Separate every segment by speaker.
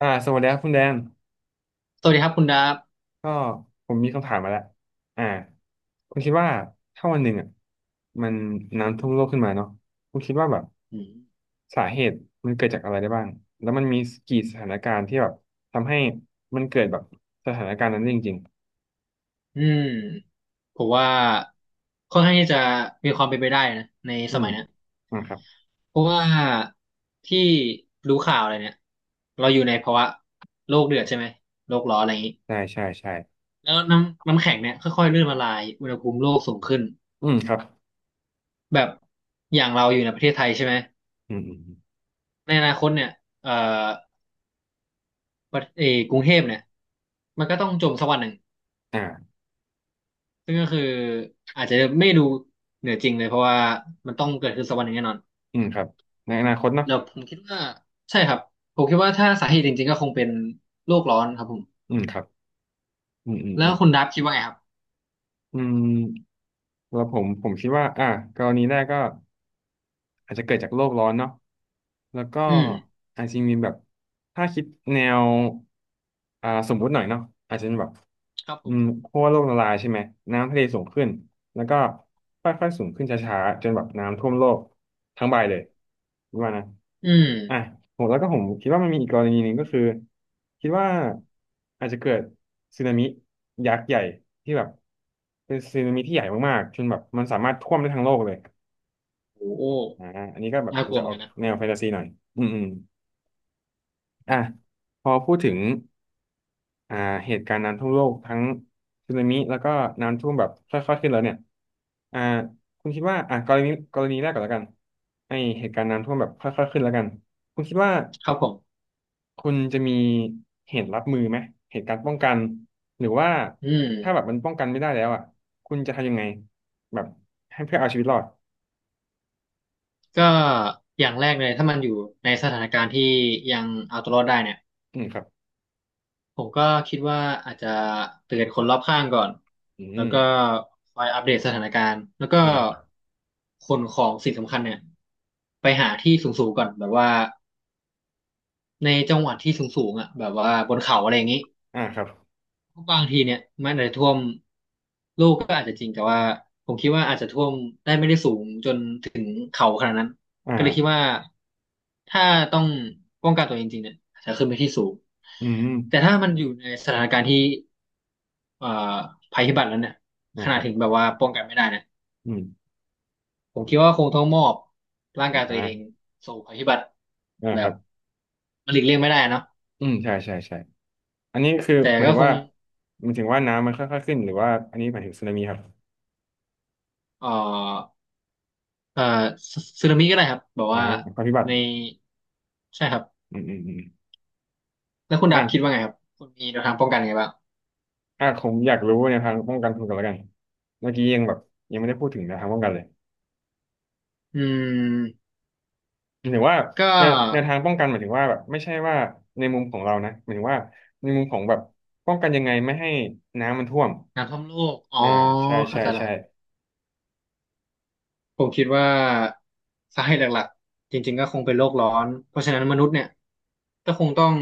Speaker 1: สวัสดีครับคุณแดน
Speaker 2: สวัสดีครับคุณดับ
Speaker 1: ก็ผมมีคำถามมาแล้วอ่าคุณคิดว่าถ้าวันหนึ่งอ่ะมันน้ำท่วมโลกขึ้นมาเนาะคุณคิดว่าแบบ
Speaker 2: อืม
Speaker 1: สาเหตุมันเกิดจากอะไรได้บ้างแล้วมันมีกี่สถานการณ์ที่แบบทำให้มันเกิดแบบสถานการณ์นั้นได้จริง
Speaker 2: อืมผมว่าค่อนข้างที่จะมีความเป็นไปได้นะใน
Speaker 1: ๆอื
Speaker 2: ส
Speaker 1: ม
Speaker 2: มัยเนี้ย
Speaker 1: อ่าครับ
Speaker 2: เพราะว่าที่รู้ข่าวอะไรเนี่ยเราอยู่ในภาวะโลกเดือดใช่ไหมโลกร้อนอะไรอย่างนี้
Speaker 1: ใช่ใช่ใช่
Speaker 2: แล้วน้ำแข็งเนี่ยค่อยๆเลื่อนละลายอุณหภูมิโลกสูงขึ้น
Speaker 1: อืมครับ
Speaker 2: แบบอย่างเราอยู่ในประเทศไทยใช่ไหม
Speaker 1: อืมอืมอม
Speaker 2: ในอนาคตเนี่ยเอ่อประเออกรุงเทพเนี่ยมันก็ต้องจมสักวันหนึ่ง
Speaker 1: อ่า
Speaker 2: ซึ่งก็คืออาจจะไม่ดูเหนือจริงเลยเพราะว่ามันต้องเกิดขึ้นสักวันหนึ่งแน่นอน
Speaker 1: อืมครับในอนาคตเนอะ
Speaker 2: เดี๋ยวผมคิดว่าใช่ครับผมคิดว่าถ้าสาเหตุจริงๆก็คงเป็นโลกร้อนครับผม
Speaker 1: อืมครับอืมอืม
Speaker 2: แล้
Speaker 1: อื
Speaker 2: ว
Speaker 1: ม
Speaker 2: คุณดับคิดว่าไงครับ
Speaker 1: อืมแล้วผมคิดว่าอ่ะกรณีแรกก็ อาจจะเกิดจากโลกร้อนเนาะแล้วก็
Speaker 2: อืม
Speaker 1: อาจจะมีแบบถ้าคิดแนวสมมุติหน่อยเนาะอาจจะเป็นแบบ
Speaker 2: ครับผ
Speaker 1: อื
Speaker 2: ม
Speaker 1: มขั้วโลกละลายใช่ไหมน้ำทะเลสูงขึ้น แล้วก็ค่อยๆสูงขึ้นช้าๆจนแบบน้ำท่วมโลกทั้งใบเลยรู้ว่านะ
Speaker 2: อืม
Speaker 1: อ่ะผมแล้วก็ผมคิดว่ามันมีอีกกรณีหนึ่งก็คือคิดว่าอาจจะเกิดสึนามิยักษ์ใหญ่ที่แบบเป็นสึนามิที่ใหญ่มากๆจนแบบมันสามารถท่วมได้ทั้งโลกเลย
Speaker 2: โอ้โห
Speaker 1: อ่าอันนี้ก็แบบ
Speaker 2: น่ากลัว
Speaker 1: จะ
Speaker 2: เหมื
Speaker 1: อ
Speaker 2: อ
Speaker 1: อ
Speaker 2: น
Speaker 1: ก
Speaker 2: กันนะ
Speaker 1: แนวแฟนตาซีหน่อยอืมอืมอ่ะพอพูดถึงอ่าเหตุการณ์น้ำท่วมโลกทั้งสึนามิแล้วก็น้ำท่วมแบบค่อยๆขึ้นแล้วเนี่ยอ่าคุณคิดว่าอ่ะกรณีแรกก่อนแล้วกันไอเหตุการณ์น้ำท่วมแบบค่อยๆขึ้นแล้วกันคุณคิดว่า
Speaker 2: ครับผม
Speaker 1: คุณจะมีเหตุรับมือไหมเหตุการณ์ป้องกันหรือว่า
Speaker 2: อืม
Speaker 1: ถ้าแบบมันป้องกันไม่ได้แล้วอ่ะคุณจะทำยังไงแบบให้เพื่อเอาชีวิตรอด
Speaker 2: ก็อย่างแรกเลยถ้ามันอยู่ในสถานการณ์ที่ยังเอาตัวรอดได้เนี่ย
Speaker 1: อืมครับ
Speaker 2: ผมก็คิดว่าอาจจะเตือนคนรอบข้างก่อน
Speaker 1: อื
Speaker 2: แล้ว
Speaker 1: ม
Speaker 2: ก็คอยอัปเดตสถานการณ์แล้วก็
Speaker 1: อ่า
Speaker 2: ขนของสิ่งสำคัญเนี่ยไปหาที่สูงๆก่อนแบบว่า ในจังหวัดที่สูงๆอ่ะแบบว่าบนเขาอะไรอย่างนี้
Speaker 1: อ่าครับ
Speaker 2: บางทีเนี่ยมันอาจจะท่วมลูกก็อาจจะจริงแต่ว่าผมคิดว่าอาจจะท่วมได้ไม่ได้สูงจนถึงเขาขนาดนั้นก็เลยคิด
Speaker 1: อ่า
Speaker 2: ว่าถ้าต้องป้องกันตัวเองจริงเนี่ยอาจจะขึ้นไปที่สูง
Speaker 1: อืม
Speaker 2: แต่ถ้ามันอยู่ในสถานการณ์ที่เอ่อภัยพิบัติแล้วเนี่ยข
Speaker 1: นะ
Speaker 2: นา
Speaker 1: ค
Speaker 2: ด
Speaker 1: รับ
Speaker 2: ถึงแบบว่าป้องกันไม่ได้เนี่ย
Speaker 1: อืม
Speaker 2: ผมคิดว่าคงต้องมอบร่างกายตัวเอง
Speaker 1: อ่า
Speaker 2: สู่ภัยพิบัติ
Speaker 1: นะ
Speaker 2: แบ
Speaker 1: ครั
Speaker 2: บ
Speaker 1: บ
Speaker 2: มันหลีกเลี่ยงไม่ได้เนาะ
Speaker 1: อืมใช่ใช่ใช่อันนี้คือ
Speaker 2: แต่
Speaker 1: หมาย
Speaker 2: ก็
Speaker 1: ถึง
Speaker 2: คง
Speaker 1: ว่าหมายถึงว่าน้ำมันค่อยๆขึ้นหรือว่าอันนี้หมายถึงสึนามิครับ
Speaker 2: เอ่อเอ่อซึนามิก็ได้ครับแบบ
Speaker 1: อ่า
Speaker 2: ว่า
Speaker 1: ภัยพิบัติ
Speaker 2: ในใช่ครับ
Speaker 1: อืมอืมอืม
Speaker 2: แล้วคุณดับคิดว่า
Speaker 1: อ่า
Speaker 2: ไงครับคุณมีแนวทางป้องกันไงบ้าง
Speaker 1: อ่าผมอยากรู้ในทางป้องกันคุณกันแล้วกันเมื่อกี้ยังแบบยัง
Speaker 2: ครั
Speaker 1: ไม่
Speaker 2: บผ
Speaker 1: ได้
Speaker 2: ม
Speaker 1: พูดถึงในวทางป้องกันเลย
Speaker 2: อืม
Speaker 1: หมายถึงว่า
Speaker 2: ก็
Speaker 1: ในวทางป้องกันหมายถึงว่าแบบไม่ใช่ว่าในมุมของเรานะหมายถึงว่าในมุมของแบบป้องกันยังไงไม่ให้น้ำมันท่วม
Speaker 2: น้ำท่วมโลกอ๋อ
Speaker 1: อ่าใช่
Speaker 2: เข้า
Speaker 1: ใช่
Speaker 2: ใจแล้ว
Speaker 1: ใช่
Speaker 2: ครับผมคิดว่าสาเหตุหลักๆจริงๆก็คงเป็นโลกร้อนเพราะฉะนั้นมนุษย์เนี่ยก็คงต้อง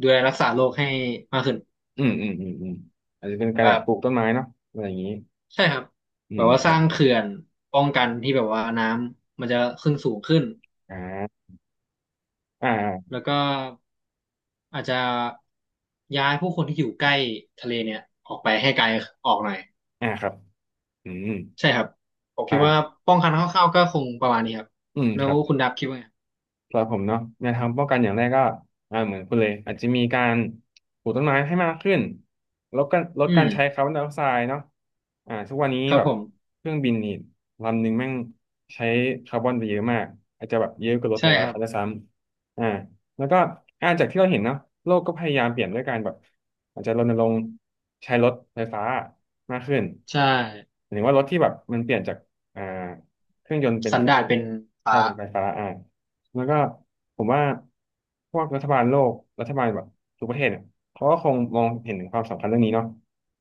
Speaker 2: ดูแลรักษาโลกให้มากขึ้น
Speaker 1: อืมอืมอืมอืมอาจจะเป็นกา
Speaker 2: แบ
Speaker 1: รแบบ
Speaker 2: บ
Speaker 1: ปลูกต้นไม้เนาะอะไรอย่างนี้
Speaker 2: ใช่ครับ
Speaker 1: อื
Speaker 2: แบ
Speaker 1: ม
Speaker 2: บว่า
Speaker 1: ค
Speaker 2: ส
Speaker 1: รับ
Speaker 2: ร้างเขื่อนป้องกันที่แบบว่าน้ำมันจะขึ้นสูงขึ้น
Speaker 1: อ่าอ่า
Speaker 2: แล้วก็อาจจะย้ายผู้คนที่อยู่ใกล้ทะเลเนี่ยออกไปให้ไกลออกหน่อย
Speaker 1: ครับอืม
Speaker 2: ใช่ครับผมคิดว่า
Speaker 1: อ่า
Speaker 2: ป้องกันคร่าวๆก็คงประมาณนี้ครับ
Speaker 1: อืม
Speaker 2: แล้
Speaker 1: ค
Speaker 2: ว
Speaker 1: รับ
Speaker 2: คุณดับคิดว่าไง
Speaker 1: สำหรับผมเนาะแนวทางป้องกันอย่างแรกก็เหมือนคุณเลยอาจจะมีการปลูกต้นไม้ให้มากขึ้นลดการลด
Speaker 2: อื
Speaker 1: การ
Speaker 2: ม
Speaker 1: ใช้คาร์บอนไดออกไซด์เนาะทุกวันนี้
Speaker 2: ครั
Speaker 1: แบ
Speaker 2: บ
Speaker 1: บ
Speaker 2: ผม
Speaker 1: เครื่องบินนี่ลำหนึ่งแม่งใช้คาร์บอนไปเยอะมากอาจจะแบบเยอะกว่ารถห
Speaker 2: ใช่
Speaker 1: ลา
Speaker 2: ค
Speaker 1: ยๆ
Speaker 2: รับ
Speaker 1: คันด้วยซ้ำแล้วก็จากที่เราเห็นเนาะโลกก็พยายามเปลี่ยนด้วยการแบบอาจจะรณรงค์ใช้รถไฟฟ้ามากขึ้น
Speaker 2: ใช่
Speaker 1: หมายถึงว่ารถที่แบบมันเปลี่ยนจากอ่าเครื่องยนต์เป็น
Speaker 2: สั
Speaker 1: เค
Speaker 2: น
Speaker 1: รื่อง
Speaker 2: ดา
Speaker 1: ย
Speaker 2: ป
Speaker 1: นต์
Speaker 2: เป็น
Speaker 1: ใช่
Speaker 2: ฟ้า
Speaker 1: เป็นไฟฟ้าอ่า แล้วก็ผมว่าพวกรัฐบาลโลก รัฐบาลแบบทุกประเทศเนี่ยเขาก็คงมองเห็นถึงความสำคัญเรื่องนี้เนาะ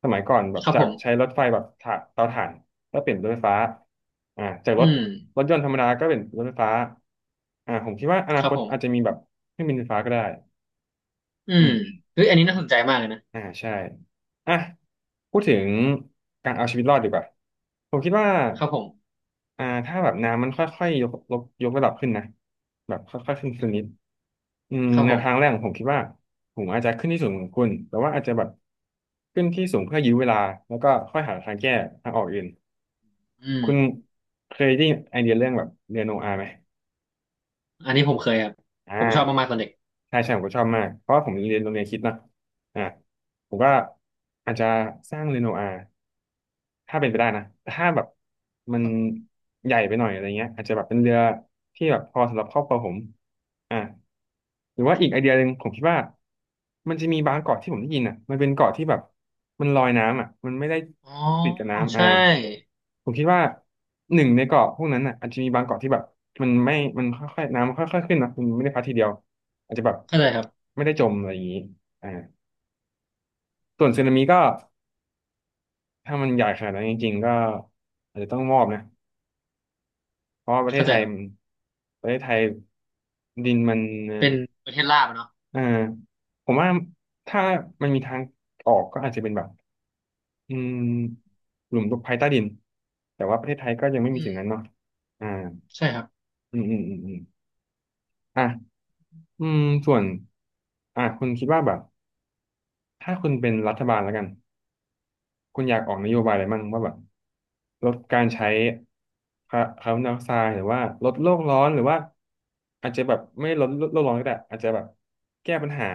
Speaker 1: สมัยก่อนแบบ
Speaker 2: ครับ
Speaker 1: จา
Speaker 2: ผ
Speaker 1: กใช้
Speaker 2: ม
Speaker 1: รถไฟแบบถ่านเตาถ่านก็เปลี่ยนรถไฟฟ้าจากร
Speaker 2: อื
Speaker 1: ถ
Speaker 2: ม
Speaker 1: รถยนต์ธรรมดาก็เป็นรถไฟฟ้าผมคิดว่าอนา
Speaker 2: ค
Speaker 1: ค
Speaker 2: รับ
Speaker 1: ต
Speaker 2: ผม
Speaker 1: อาจจะมีแบบเครื่องบินไฟฟ้าก็ได้
Speaker 2: อื
Speaker 1: อื
Speaker 2: ม
Speaker 1: มอม
Speaker 2: เฮ้ยอันนี้น่าสนใจมากเลยนะ
Speaker 1: ใช่อ่ะพูดถึงการเอาชีวิตรอดดีกว่าผมคิดว่า
Speaker 2: ครับผม
Speaker 1: ถ้าแบบน้ำมันค่อยๆยกระดับขึ้นนะแบบค่อยๆขึ้นสักนิด อืม
Speaker 2: ครับ
Speaker 1: แน
Speaker 2: ผ
Speaker 1: วทางแร
Speaker 2: ม
Speaker 1: กของผมคิดว่าผมอาจจะขึ้นที่สูงของคุณ แต่ว่าอาจจะแบบขึ้นที่สูงเพื่อยื้อเวลาแล้วก็ค่อยหาทางแก้ทางออกอื่น
Speaker 2: อืม
Speaker 1: คุณเคยได้ไอเดียเรื่องแบบเรียนโนอาไหม
Speaker 2: อันนี้ผมเคยครับ
Speaker 1: อ่
Speaker 2: ผมชอบ
Speaker 1: า
Speaker 2: มากๆตอนเด็ก
Speaker 1: ใช่ใช่ผมก็ชอบมากเพราะว่าผมเรียนโรงเรียนคริดนอะอ่าผมก็อาจจะสร้างเรียนโนอา ถ้าเป็นไปได้นะแต่ถ้าแบบมัน
Speaker 2: ครับผม
Speaker 1: ใหญ่ไปหน่อยอะไรเงี้ยอาจจะแบบเป็นเรือที่แบบพอสำหรับครอบครัวผมอ่าหรือว่าอีกไอเดียหนึ่งผมคิดว่ามันจะมีบางเกาะที่ผมได้ยินอ่ะมันเป็นเกาะที่แบบมันลอยน้ำอ่ะมันไม่ได้
Speaker 2: อ๋อ
Speaker 1: ติดกับน้ำ
Speaker 2: ใช่
Speaker 1: ผมคิดว่าหนึ่งในเกาะพวกนั้นอ่ะอาจจะมีบางเกาะที่แบบมันไม่มันค่อยๆน้ำมันค่อยๆขึ้นนะมันไม่ได้พัดทีเดียวอาจจะแบบ
Speaker 2: เข้าใจครับ
Speaker 1: ไม่ได้จมอะไรอย่างนี้อ่าส่วนสึนามิก็ถ้ามันใหญ่ขนาดนั้นจริงๆก็อาจจะต้องมอบนะ เพราะว่าประเทศ
Speaker 2: เข้า
Speaker 1: ไท
Speaker 2: ใจ
Speaker 1: ย
Speaker 2: ครั
Speaker 1: มัน
Speaker 2: บ
Speaker 1: ประเทศไทยดินมัน
Speaker 2: เป็นประเทศลาบอะเนาะ
Speaker 1: เอ่อผมว่าถ้ามันมีทางออกก็อาจจะเป็นแบบอืมหลุมตกภัยใต้ดินแต่ว่าประเทศไทยก็ยังไม่มี
Speaker 2: อื
Speaker 1: สิ่
Speaker 2: ม
Speaker 1: งนั้นเนาะอ่า
Speaker 2: ใช่ครับ
Speaker 1: อืมอืมอืมอืมอ่ะอืมส่วนคุณคิดว่าแบบถ้าคุณเป็นรัฐบาลแล้วกัน คุณอยากออกนโยบายอะไรมั่งว่าแบบลดการใช้คาร์บอนไดออกไซด์หรือว่าลดโลกร้อนหรือว่าอาจจะแบบไม่ลดโลกร้อนก็ได้อาจจะแบบแก้ปัญหา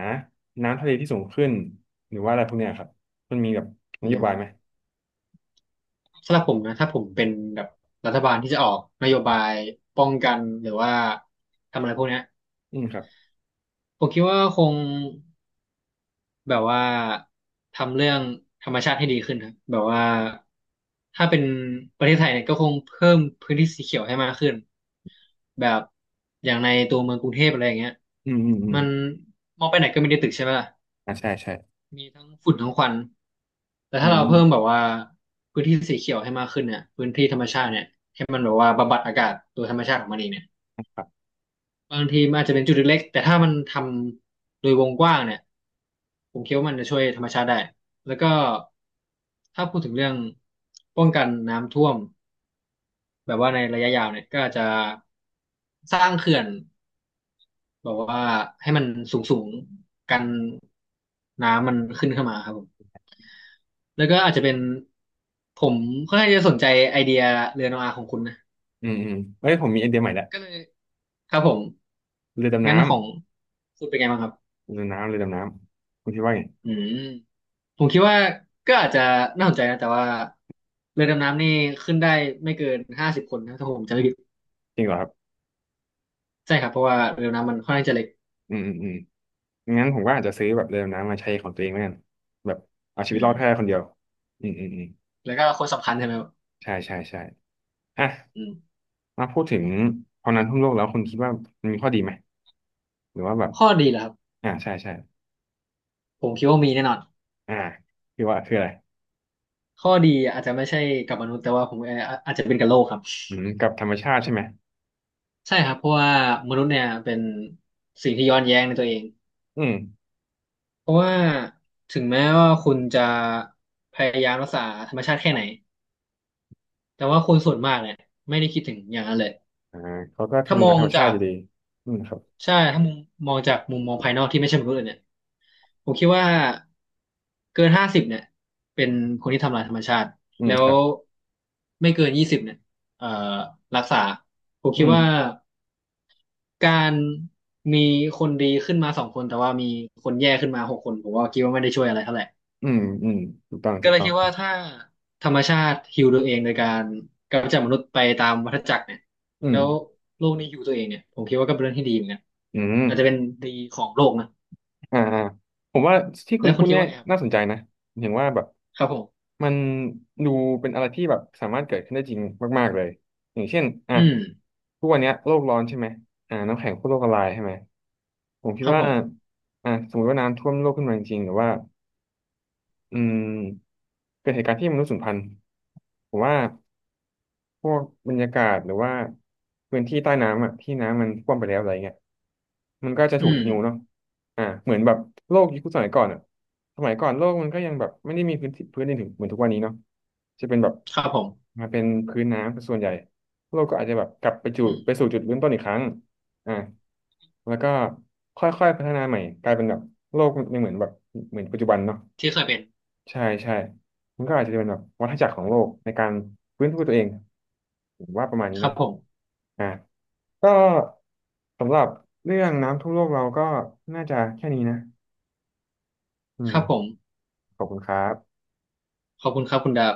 Speaker 1: น้ำทะเลที่สูงขึ้นหรือว่าอะไรพวกเนี้ยครับมันมีแบบน
Speaker 2: อื
Speaker 1: โย
Speaker 2: ม
Speaker 1: บายไหม
Speaker 2: สำหรับผมนะถ้าผมเป็นแบบรัฐบาลที่จะออกนโยบายป้องกันหรือว่าทำอะไรพวกเนี้ย
Speaker 1: อืมครับ
Speaker 2: ผมคิดว่าคงแบบว่าทำเรื่องธรรมชาติให้ดีขึ้นครับแบบว่าถ้าเป็นประเทศไทยเนี่ยก็คงเพิ่มพื้นที่สีเขียวให้มากขึ้นแบบอย่างในตัวเมืองกรุงเทพอะไรอย่างเงี้ย
Speaker 1: อืมอืมอืม
Speaker 2: มันมองไปไหนก็มีแต่ตึกใช่ไหมล่ะ
Speaker 1: อ่าใช่ใช่
Speaker 2: มีทั้งฝุ่นทั้งควันแต่
Speaker 1: อื
Speaker 2: ถ้า
Speaker 1: ม
Speaker 2: เรา
Speaker 1: อืม
Speaker 2: เพิ่มแบบว่าพื้นที่สีเขียวให้มากขึ้นเนี่ยพื้นที่ธรรมชาติเนี่ยให้มันแบบว่าบำบัดอากาศโดยธรรมชาติของมันเองเนี่ย
Speaker 1: ครับ
Speaker 2: บางทีมันอาจจะเป็นจุดเล็กๆแต่ถ้ามันทำโดยวงกว้างเนี่ยผมคิดว่ามันจะช่วยธรรมชาติได้แล้วก็ถ้าพูดถึงเรื่องป้องกันน้ำท่วมแบบว่าในระยะยาวเนี่ยก็อาจจะสร้างเขื่อนแบบว่าให้มันสูงๆกันน้ำมันขึ้นเข้ามาครับผม แล้วก็อาจจะเป็นผมค่อนข้างจะสนใจไอเดียเรือโนอาของคุณนะ
Speaker 1: เอ้ยผมมีไอเดียใหม่แล้ว
Speaker 2: ก็เลยครับผม
Speaker 1: เรือดำ
Speaker 2: งั้
Speaker 1: น้
Speaker 2: นของคุณเป็นไงบ้างครับ
Speaker 1: เรือดำน้ำคุณคิดว่าไง
Speaker 2: อืมผมคิดว่าก็อาจจะน่าสนใจนะแต่ว่าเรือดำน้ำนี่ขึ้นได้ไม่เกินห้าสิบคนนะถ้าผมจำไม่ผิด
Speaker 1: จริงเหรอครับ
Speaker 2: ใช่ครับเพราะว่าเรือดำน้ำมันค่อนข้างจะเล็ก
Speaker 1: อืมอืมอืม งั้นผมก็อาจจะซื้อแบบเรือดำน้ำมาใช้ของตัวเองแม่นแบบเอาชี
Speaker 2: อื
Speaker 1: วิตร
Speaker 2: ม
Speaker 1: อดแค่คนเดียวอืมอืมอืม
Speaker 2: แล้วก็คนสำคัญใช่ไหมครับ
Speaker 1: ใช่ใช่ใช่อ่ะ
Speaker 2: อืม
Speaker 1: มาพูดถึงพอนั้นทั่วโลกแล้วคุณคิดว่ามันมีข้อดีไหมหรือว่าแบบ
Speaker 2: ข้อดีเหรอครับ
Speaker 1: อ่าใช่ใช่
Speaker 2: ผมคิดว่ามีแน่นอน
Speaker 1: อ่าคือว่าคืออะไร
Speaker 2: ข้อดีอาจจะไม่ใช่กับมนุษย์แต่ว่าผมอาจจะเป็นกับโลกครับ
Speaker 1: อืมกับธรรมชาติใช่ไหม
Speaker 2: ใช่ครับเพราะว่ามนุษย์เนี่ยเป็นสิ่งที่ย้อนแย้งในตัวเอง
Speaker 1: อืม
Speaker 2: เพราะว่าถึงแม้ว่าคุณจะพยายามรักษาธรรมชาติแค่ไหนแต่ว่าคนส่วนมากเนี่ยไม่ได้คิดถึงอย่างนั้นเลย
Speaker 1: อ่าเขาก็
Speaker 2: ถ้าม
Speaker 1: ทำลาย
Speaker 2: อ
Speaker 1: ธ
Speaker 2: ง
Speaker 1: รรมชา
Speaker 2: จา
Speaker 1: ติอ
Speaker 2: ก
Speaker 1: ยู่ดีอืมครับ
Speaker 2: ใช่ถ้ามุมมองจากมุมมองภายนอกที่ไม่ใช่มนุษย์เลยเนี่ยผมคิดว่าเกินห้าสิบเนี่ยเป็นคนที่ทำลายธรรมชาติ
Speaker 1: อืม
Speaker 2: แล้
Speaker 1: ค
Speaker 2: ว
Speaker 1: รับ
Speaker 2: ไม่เกิน20เนี่ยเอ่อรักษาผม
Speaker 1: อื
Speaker 2: คิด
Speaker 1: ม
Speaker 2: ว่า การมีคนดีขึ้นมา2 คนแต่ว่ามีคนแย่ขึ้นมา6 คนผมว่าคิดว่าไม่ได้ช่วยอะไรเท่าไหร่
Speaker 1: อืมอืมถูกต้อง
Speaker 2: ก็
Speaker 1: ถูก
Speaker 2: เลย
Speaker 1: ต้อง
Speaker 2: คิดว่าถ้าธรรมชาติฮีลตัวเองโดยการกำจัดมนุษย์ไปตามวัฏจักรเนี่ย
Speaker 1: อื
Speaker 2: แล้
Speaker 1: ม
Speaker 2: วโลกนี้ฮีลตัวเองเนี่ยผมคิดว่าก็เป็นเรื่องที่ดีเหมือนกัน
Speaker 1: อืม
Speaker 2: อาจจะเป็นดีของโลกนะ
Speaker 1: อ่าอ่าผมว่าที่คุ
Speaker 2: แล้
Speaker 1: ณ
Speaker 2: วคุ
Speaker 1: พู
Speaker 2: ณ
Speaker 1: ด
Speaker 2: คิด
Speaker 1: เนี่ย
Speaker 2: ว่าไงครั
Speaker 1: น่า
Speaker 2: บ
Speaker 1: สนใจนะเห็นว่าแบบ
Speaker 2: ครับผม
Speaker 1: มันดูเป็นอะไรที่แบบสามารถเกิดขึ้นได้จริงมากๆเลยอย่างเช่นอ่ะ
Speaker 2: อืม
Speaker 1: ทุกวันเนี้ยโลกร้อนใช่ไหมอ่าน้ำแข็งขั้วโลกละลายใช่ไหมผมคิ
Speaker 2: ค
Speaker 1: ด
Speaker 2: รับ
Speaker 1: ว่า
Speaker 2: ผม
Speaker 1: อ่ะสมมติว่าน้ำท่วมโลกขึ้นมาจริงๆหรือว่าอืมเกิดเหตุการณ์ที่มนุษย์สูญพันธุ์ผมว่า พวกบรรยากาศหรือว่าพื้นที่ใต้น้ำอ่ะที่น้ำมันท่วมไปแล้วอะไรเงี้ยมันก็จะถู
Speaker 2: อื
Speaker 1: ก
Speaker 2: ม
Speaker 1: หิวเนาะอ่าเหมือนแบบโลกยุคสมัยก่อนอ่ะสมัยก่อนโลกมันก็ยังแบบไม่ได้มีพื้นที่พื้นดินถึงเหมือนทุกวันนี้เนาะจะเป็นแบบ
Speaker 2: ครับผม
Speaker 1: มาเป็นพื้นน้ำเป็นส่วนใหญ่โลกก็อาจจะแบบกลับไปจุ
Speaker 2: อื
Speaker 1: ด
Speaker 2: ม
Speaker 1: ไปสู่จุดเริ่มต้นอีกครั้งอ่าแล้วก็ค่อยๆพัฒนาใหม่กลายเป็นแบบโลกยังเหมือนแบบเหมือนปัจจุบันเนาะ
Speaker 2: ที่เคยเป็น
Speaker 1: ใช่ใช่ มันก็อาจจะเป็นแบบวัฏจักรของโลกในการฟื้นฟูตัวเองผมว่าประมาณนี้
Speaker 2: ครับ
Speaker 1: เนาะ
Speaker 2: ผม
Speaker 1: อ่ะก็สำหรับเรื่องน้ำท่วมโลกเราก็น่าจะแค่นี้นะอื
Speaker 2: ค
Speaker 1: ม
Speaker 2: รับผม
Speaker 1: ขอบคุณครับ
Speaker 2: ขอบคุณครับคุณดาบ